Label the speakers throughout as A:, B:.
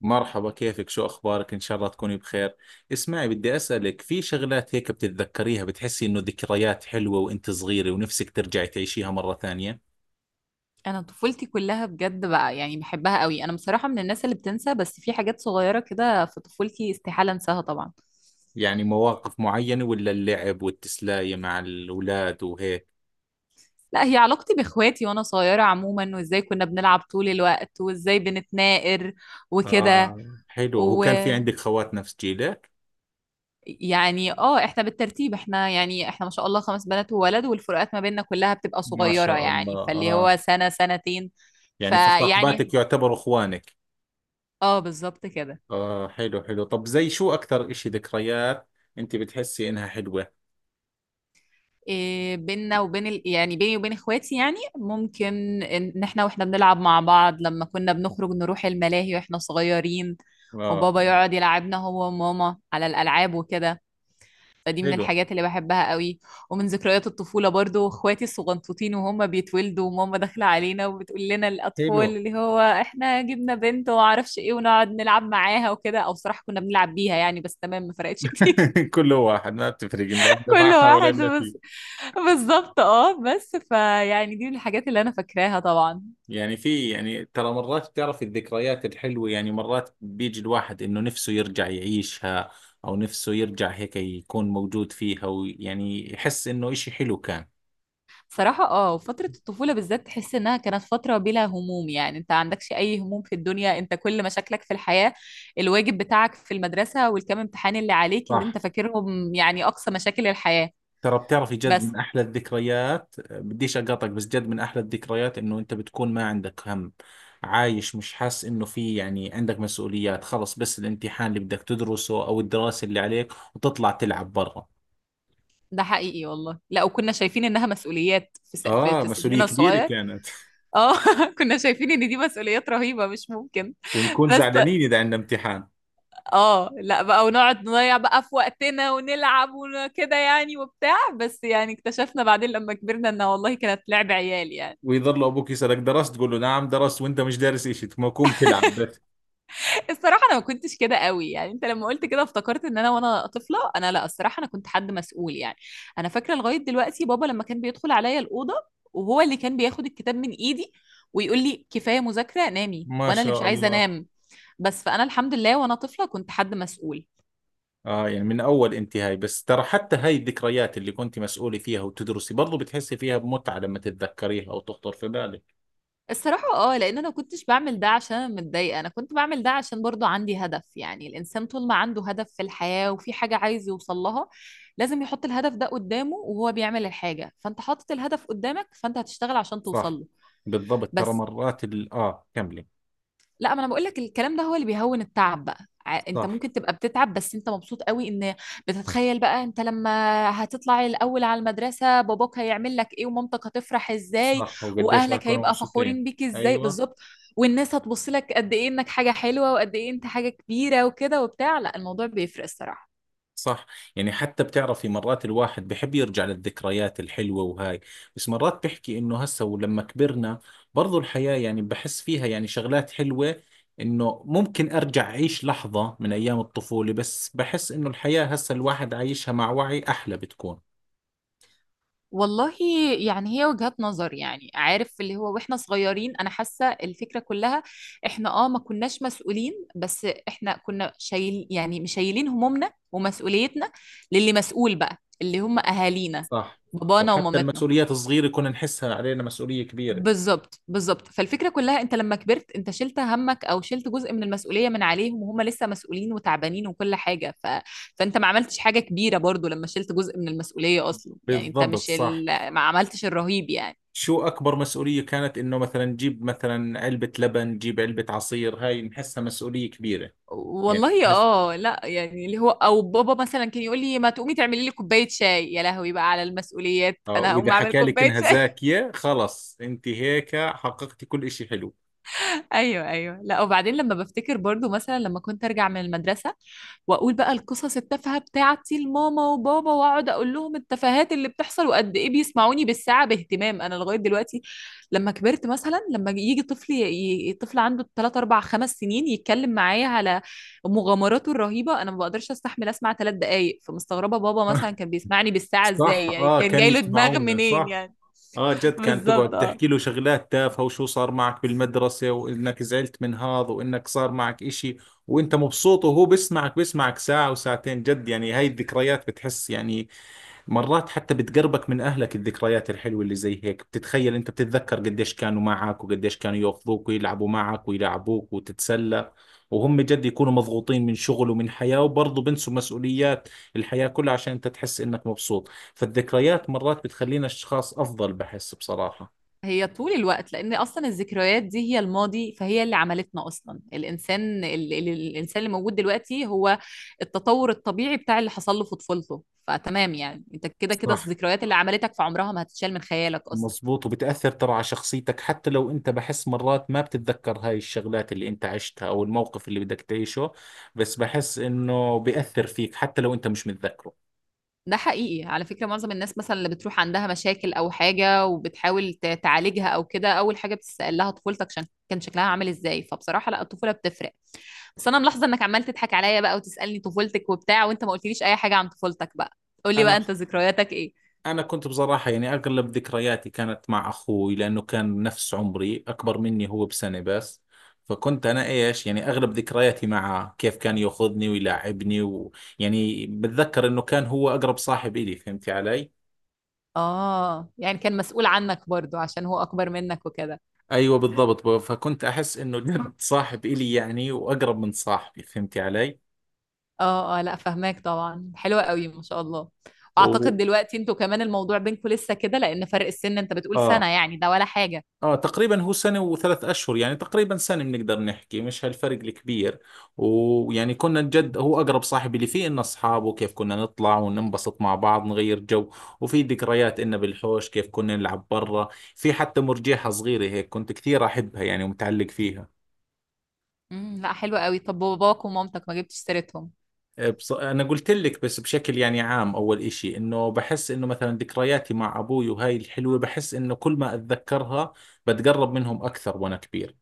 A: مرحبا، كيفك؟ شو أخبارك؟ إن شاء الله تكوني بخير. اسمعي، بدي أسألك في شغلات هيك بتتذكريها، بتحسي إنه ذكريات حلوة وإنت صغيرة ونفسك ترجعي تعيشيها مرة ثانية.
B: انا طفولتي كلها بجد بقى، يعني بحبها قوي. انا بصراحه من الناس اللي بتنسى، بس في حاجات صغيره كده في طفولتي استحاله انساها طبعا.
A: يعني مواقف معينة ولا اللعب والتسلاية مع الأولاد وهيك؟
B: لا، هي علاقتي باخواتي وانا صغيره عموما، وازاي كنا بنلعب طول الوقت وازاي بنتناقر وكده.
A: آه، حلو. هو كان في
B: ويعني
A: عندك خوات نفس جيلك؟
B: اه احنا بالترتيب، احنا ما شاء الله خمس بنات وولد، والفروقات ما بيننا كلها بتبقى
A: ما
B: صغيره،
A: شاء الله.
B: يعني فاللي
A: آه،
B: هو سنه سنتين.
A: يعني
B: فيعني
A: فصاحباتك يعتبروا إخوانك.
B: اه بالظبط كده.
A: آه، حلو حلو. طب زي شو أكثر إشي ذكريات إنت بتحسي إنها حلوة؟
B: إيه، بيننا وبين يعني بيني وبين اخواتي، يعني ممكن ان احنا واحنا بنلعب مع بعض لما كنا بنخرج نروح الملاهي واحنا صغيرين،
A: آه،
B: وبابا
A: آه،
B: يقعد يلعبنا هو وماما على الالعاب وكده، فدي من
A: حلو
B: الحاجات اللي بحبها قوي. ومن ذكريات الطفولة برضو اخواتي الصغنطوطين وهم بيتولدوا، وماما داخلة علينا وبتقول لنا
A: حلو.
B: الاطفال، اللي هو احنا جبنا بنت وما اعرفش ايه، ونقعد نلعب معاها وكده، او صراحة كنا بنلعب بيها يعني، بس تمام ما فرقتش كتير.
A: كله واحد، ما بتفرق إن لعبنا
B: كل
A: معها
B: واحد
A: ولعبنا
B: بس.
A: فيه.
B: بالظبط بس دي من الحاجات اللي انا فاكراها طبعا.
A: يعني في يعني ترى مرات بتعرف الذكريات الحلوة، يعني مرات بيجي الواحد انه نفسه يرجع يعيشها، او نفسه يرجع هيك يكون موجود فيها، ويعني يحس انه اشي حلو كان.
B: صراحة فترة الطفولة بالذات تحس انها كانت فترة بلا هموم، يعني انت عندكش اي هموم في الدنيا، انت كل مشاكلك في الحياة الواجب بتاعك في المدرسة والكام امتحان اللي عليك اللي انت
A: صح،
B: فاكرهم، يعني اقصى مشاكل الحياة
A: ترى بتعرفي جد
B: بس.
A: من احلى الذكريات، بديش اقاطعك بس جد من احلى الذكريات انه انت بتكون ما عندك هم، عايش مش حاسس انه في يعني عندك مسؤوليات، خلص بس الامتحان اللي بدك تدرسه او الدراسة اللي عليك وتطلع تلعب برا.
B: ده حقيقي والله، لا وكنا شايفين انها مسؤوليات في س... في
A: اه،
B: في
A: مسؤولية
B: سننا
A: كبيرة
B: الصغير.
A: كانت.
B: اه كنا شايفين ان دي مسؤوليات رهيبة مش ممكن
A: ونكون
B: بس.
A: زعلانين إذا عندنا امتحان.
B: اه لا بقى، ونقعد نضيع بقى في وقتنا ونلعب وكده يعني وبتاع، بس يعني اكتشفنا بعدين لما كبرنا ان والله كانت لعب عيال يعني.
A: ويظل أبوك يسألك درست، تقول له نعم درست وأنت مش دارس إشي، تقوم تلعب بس.
B: الصراحة انا ما كنتش كده قوي، يعني انت لما قلت كده افتكرت ان انا وانا طفلة، انا لا، الصراحة انا كنت حد مسؤول يعني. انا فاكرة لغاية دلوقتي بابا لما كان بيدخل عليا الأوضة، وهو اللي كان بياخد الكتاب من ايدي ويقول لي كفاية مذاكرة نامي،
A: ما
B: وانا اللي مش
A: شاء
B: عايزة
A: الله.
B: انام بس. فانا الحمد لله وانا طفلة كنت حد مسؤول.
A: آه، يعني من أول أنت هاي. بس ترى حتى هاي الذكريات اللي كنت مسؤولة فيها وتدرسي برضو بتحسي فيها بمتعة لما تتذكريها أو تخطر في بالك.
B: الصراحة لان انا كنتش بعمل ده عشان انا متضايقة، انا كنت بعمل ده عشان برضو عندي هدف، يعني الانسان طول ما عنده هدف في الحياة وفي حاجة عايز يوصل لها، لازم يحط الهدف ده قدامه وهو بيعمل الحاجة، فانت حاطط الهدف قدامك فانت هتشتغل عشان توصل
A: صح.
B: له
A: بالضبط. ترى
B: بس.
A: مرات ال... آه كملي.
B: لا، ما انا بقول لك الكلام ده هو اللي بيهون التعب بقى، انت
A: صح.
B: ممكن تبقى بتتعب بس انت مبسوط قوي ان بتتخيل بقى انت لما هتطلع الاول على المدرسه، باباك هيعمل لك ايه ومامتك هتفرح ازاي،
A: صح، وقديش راح
B: واهلك
A: يكونوا
B: هيبقى
A: مبسوطين.
B: فخورين بيك ازاي،
A: أيوة.
B: بالظبط، والناس هتبص لك قد ايه انك حاجه حلوه وقد ايه انت حاجه كبيره وكده وبتاع، لا الموضوع بيفرق الصراحه.
A: صح. يعني حتى بتعرفي مرات الواحد بحب يرجع للذكريات الحلوة وهاي، بس مرات بحكي انه هسه ولما كبرنا برضو الحياة يعني بحس فيها يعني شغلات حلوة. انه ممكن ارجع اعيش لحظة من ايام الطفولة، بس بحس انه الحياة هسه الواحد عايشها مع وعي احلى بتكون.
B: والله، يعني هي وجهات نظر، يعني عارف اللي هو واحنا صغيرين انا حاسه الفكره كلها، احنا ما كناش مسؤولين بس احنا كنا شايل، يعني مشايلين همومنا ومسؤوليتنا للي مسؤول بقى اللي هم اهالينا،
A: صح.
B: بابانا
A: وحتى
B: ومامتنا.
A: المسؤوليات الصغيرة كنا نحسها علينا مسؤولية كبيرة.
B: بالظبط بالظبط، فالفكره كلها انت لما كبرت انت شلت همك او شلت جزء من المسؤوليه من عليهم، وهم لسه مسؤولين وتعبانين وكل حاجه فانت ما عملتش حاجه كبيره برضو لما شلت جزء من المسؤوليه اصلا، يعني انت
A: بالضبط،
B: مش
A: صح.
B: ما عملتش الرهيب يعني.
A: شو أكبر مسؤولية كانت؟ إنه مثلا نجيب مثلا علبة لبن، نجيب علبة عصير، هاي نحسها مسؤولية كبيرة. يعني
B: والله لا، يعني اللي هو او بابا مثلا كان يقول لي ما تقومي تعملي لي كوبايه شاي، يا لهوي بقى على المسؤوليات،
A: اه،
B: انا
A: واذا
B: هقوم اعمل
A: حكى لك
B: كوبايه
A: انها
B: شاي.
A: زاكية خلص انت هيك حققتي كل اشي حلو.
B: ايوه ايوه، لا وبعدين لما بفتكر برضو مثلا لما كنت ارجع من المدرسه واقول بقى القصص التافهه بتاعتي لماما وبابا، واقعد اقول لهم التفاهات اللي بتحصل، وقد ايه بيسمعوني بالساعه باهتمام، انا لغايه دلوقتي لما كبرت مثلا لما يجي طفل طفل عنده 3 4 5 سنين يتكلم معايا على مغامراته الرهيبه، انا ما بقدرش استحمل اسمع 3 دقائق، فمستغربه بابا مثلا كان بيسمعني بالساعه
A: صح.
B: ازاي، يعني
A: اه،
B: كان
A: كان
B: جاي له دماغ
A: يسمعونا،
B: منين
A: صح.
B: يعني.
A: اه، جد كانت
B: بالظبط
A: تقعد
B: اه.
A: تحكي له شغلات تافهة، وشو صار معك بالمدرسة وانك زعلت من هذا وانك صار معك اشي وانت مبسوط، وهو بيسمعك بيسمعك ساعة وساعتين، جد يعني هاي الذكريات بتحس يعني مرات حتى بتقربك من أهلك. الذكريات الحلوة اللي زي هيك، بتتخيل أنت بتتذكر قديش كانوا معك وقديش كانوا يأخذوك ويلعبوا معك ويلعبوك وتتسلى، وهم جد يكونوا مضغوطين من شغل ومن حياة، وبرضه بنسوا مسؤوليات الحياة كلها عشان أنت تحس إنك مبسوط. فالذكريات مرات بتخلينا أشخاص أفضل، بحس بصراحة.
B: هي طول الوقت، لان اصلا الذكريات دي هي الماضي، فهي اللي عملتنا اصلا، الانسان الانسان اللي موجود دلوقتي هو التطور الطبيعي بتاع اللي حصل له في طفولته، فتمام يعني انت كده كده
A: صح،
B: الذكريات اللي عملتك في عمرها ما هتتشال من خيالك اصلا.
A: مظبوط. وبتأثر ترى على شخصيتك، حتى لو أنت بحس مرات ما بتتذكر هاي الشغلات اللي أنت عشتها أو الموقف اللي بدك تعيشه، بس بحس إنه بيأثر فيك حتى لو أنت مش متذكره.
B: ده حقيقي، على فكرة معظم الناس مثلا اللي بتروح عندها مشاكل او حاجة وبتحاول تعالجها او كده، اول حاجة بتسأل لها طفولتك عشان كان شكلها عامل ازاي، فبصراحة لا الطفولة بتفرق بس. انا ملاحظه انك عمال تضحك عليا بقى وتسالني طفولتك وبتاع، وانت ما قلتليش اي حاجه عن طفولتك بقى، قولي بقى
A: أنا،
B: انت ذكرياتك ايه؟
A: أنا كنت بصراحة يعني أغلب ذكرياتي كانت مع أخوي، لأنه كان نفس عمري، أكبر مني هو بسنة بس. فكنت أنا إيش، يعني أغلب ذكرياتي معه، كيف كان يأخذني ويلاعبني، ويعني بتذكر إنه كان هو أقرب صاحب إلي، فهمتي علي؟
B: اه، يعني كان مسؤول عنك برضو عشان هو اكبر منك وكده.
A: ايوه، بالضبط. فكنت احس انه جد صاحب الي يعني، واقرب من صاحبي، فهمتي علي.
B: اه اه، لا فهماك طبعا، حلوه قوي ما شاء الله. واعتقد
A: و،
B: دلوقتي انتوا كمان الموضوع بينكم لسه كده، لان فرق السن انت بتقول سنه،
A: اه،
B: يعني ده ولا حاجه.
A: اه، تقريبا هو سنه وثلاث اشهر، يعني تقريبا سنه بنقدر نحكي، مش هالفرق الكبير. ويعني كنا جد هو اقرب صاحب، اللي فيه انه اصحابه كيف كنا نطلع وننبسط مع بعض، نغير جو. وفي ذكريات انه بالحوش كيف كنا نلعب برا، في حتى مرجيحه صغيره هيك كنت كثير احبها يعني ومتعلق فيها.
B: لا، حلوه قوي. طب باباك ومامتك ما جبتش سيرتهم؟
A: أنا قلت لك بس بشكل يعني عام. أول إشي إنه بحس إنه مثلا ذكرياتي مع أبوي وهاي الحلوة، بحس إنه كل ما أتذكرها بتقرب منهم أكثر وأنا كبير.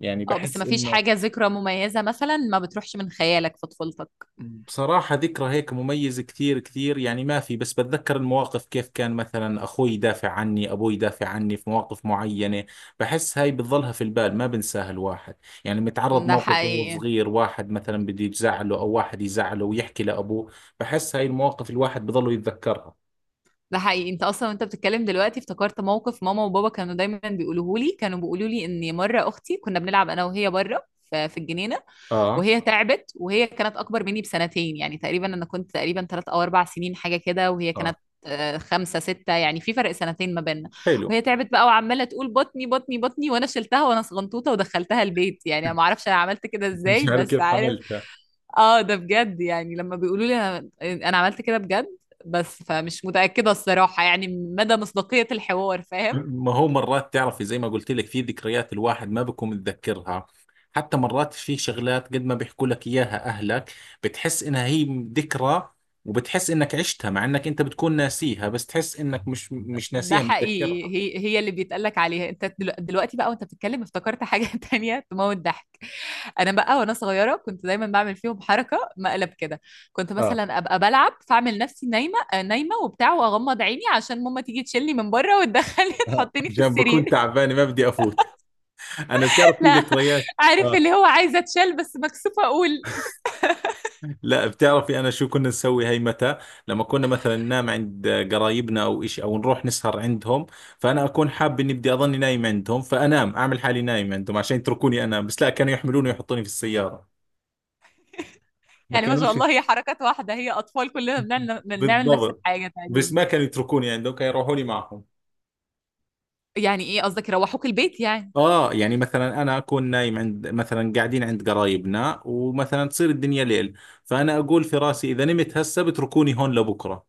A: يعني
B: اه، بس
A: بحس
B: ما فيش
A: إنه
B: حاجه ذكرى مميزه مثلا ما بتروحش من خيالك في طفولتك؟
A: بصراحة ذكرى هيك مميزة كثير كثير يعني ما في، بس بتذكر المواقف كيف كان مثلا أخوي يدافع عني، أبوي يدافع عني في مواقف معينة، بحس هاي بتظلها في البال ما بنساها الواحد. يعني متعرض
B: ده
A: موقف وهو
B: حقيقي.
A: صغير، واحد مثلا بده يزعله أو واحد يزعله ويحكي لأبوه، بحس هاي المواقف الواحد بضله يتذكرها.
B: ده حقيقي، انت اصلا وانت بتتكلم دلوقتي افتكرت موقف ماما وبابا كانوا دايما بيقولوه لي، كانوا بيقولوا لي ان مره اختي كنا بنلعب انا وهي بره في الجنينه،
A: اه.
B: وهي تعبت، وهي كانت اكبر مني بسنتين يعني، تقريبا انا كنت تقريبا 3 او 4 سنين حاجه كده، وهي
A: اه،
B: كانت 5 6، يعني في فرق سنتين ما بيننا.
A: حلو.
B: وهي تعبت بقى وعمالة تقول بطني بطني بطني، وأنا شلتها وأنا صغنطوطة ودخلتها البيت، يعني أنا ما أعرفش أنا عملت كده إزاي،
A: مش عارف
B: بس
A: كيف
B: عارف.
A: حملتها.
B: اه ده بجد، يعني لما بيقولوا لي انا عملت كده بجد، بس فمش متأكدة الصراحة يعني من مدى مصداقية الحوار، فاهم.
A: ما هو مرات تعرفي، زي ما قلت لك، في ذكريات الواحد ما بكون متذكرها، حتى مرات في شغلات قد ما بيحكوا لك اياها اهلك، بتحس انها هي ذكرى، وبتحس انك عشتها، مع انك انت بتكون ناسيها، بس تحس انك مش
B: ده
A: ناسيها،
B: حقيقي،
A: متذكرها.
B: هي هي اللي بيتقال لك عليها، انت دلوقتي بقى وانت بتتكلم افتكرت حاجة تانية تموت ضحك. انا بقى وانا صغيرة كنت دايما بعمل فيهم حركة مقلب كده، كنت
A: اه.
B: مثلا ابقى بلعب فاعمل نفسي نايمة نايمة وبتاع، واغمض عيني عشان ماما تيجي تشيلني من بره وتدخلني
A: آه.
B: تحطني في
A: عشان بكون
B: السرير.
A: تعبان ما بدي افوت. انا بتعرف في
B: لا،
A: ذكريات،
B: عارف
A: اه
B: اللي هو عايزة اتشال بس مكسوفة اقول.
A: لا بتعرفي انا شو كنا نسوي هاي متى؟ لما كنا مثلا ننام عند قرايبنا او إشي، او نروح نسهر عندهم، فانا اكون حاب اني بدي اضلني نايم عندهم، فانام اعمل حالي نايم عندهم عشان يتركوني انام، بس لا كانوا يحملوني ويحطوني في السيارة. ما
B: يعني ما شاء
A: كانوش.
B: الله، هي حركات واحدة، هي أطفال كلنا بنعمل بنعمل نفس
A: بالضبط.
B: الحاجة
A: بس
B: تقريبا.
A: ما كانوا يتركوني عندهم، كانوا يروحوا لي معهم.
B: يعني إيه قصدك يروحوك البيت يعني؟
A: اه، يعني مثلا انا اكون نايم عند، مثلا قاعدين عند قرايبنا، ومثلا تصير الدنيا ليل، فانا اقول في راسي اذا نمت هسه بتركوني هون لبكره.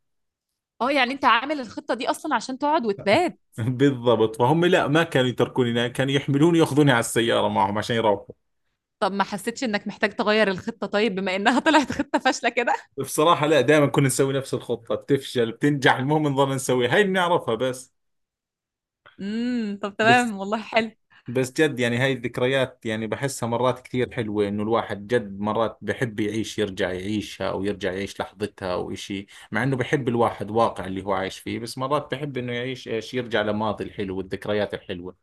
B: أه يعني أنت عامل الخطة دي أصلا عشان تقعد وتبات.
A: بالضبط. فهم لا ما كانوا يتركوني هناك، كانوا يحملوني ياخذوني على السيارة معهم عشان يروحوا.
B: طب ما حسيتش إنك محتاج تغير الخطة؟ طيب بما إنها طلعت خطة فاشلة كده.
A: بصراحة لا، دائما كنا نسوي نفس الخطة، بتفشل بتنجح المهم نظل نسويها، هاي بنعرفها بس.
B: طب
A: بس
B: تمام والله، حلو.
A: جد يعني هاي الذكريات يعني بحسها مرات كثير حلوة، انه الواحد جد مرات بحب يعيش يرجع يعيشها، او يرجع يعيش لحظتها او اشي، مع انه بحب الواحد واقع اللي هو عايش فيه، بس مرات بحب انه يعيش ايش، يرجع لماضي الحلو والذكريات الحلوة.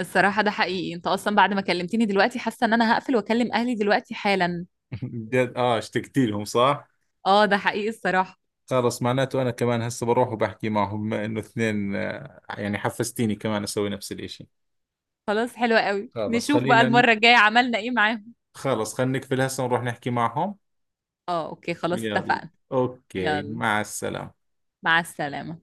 B: الصراحة ده حقيقي، أنت أصلا بعد ما كلمتني دلوقتي حاسة إن أنا هقفل وأكلم أهلي دلوقتي حالا.
A: جد، اه اشتقت لهم صح.
B: أه ده حقيقي الصراحة.
A: خلص معناته انا كمان هسه بروح وبحكي معهم، بما انه اثنين، آه، يعني حفزتيني كمان اسوي نفس الاشي.
B: خلاص حلو قوي،
A: خلص
B: نشوف بقى
A: خلينا ن-
B: المرة الجاية عملنا إيه معاهم.
A: خلص خلينا نقفل هسه ونروح نحكي معهم.
B: أه أوكي خلاص
A: يلا،
B: اتفقنا.
A: اوكي،
B: يلا،
A: مع السلامة.
B: مع السلامة.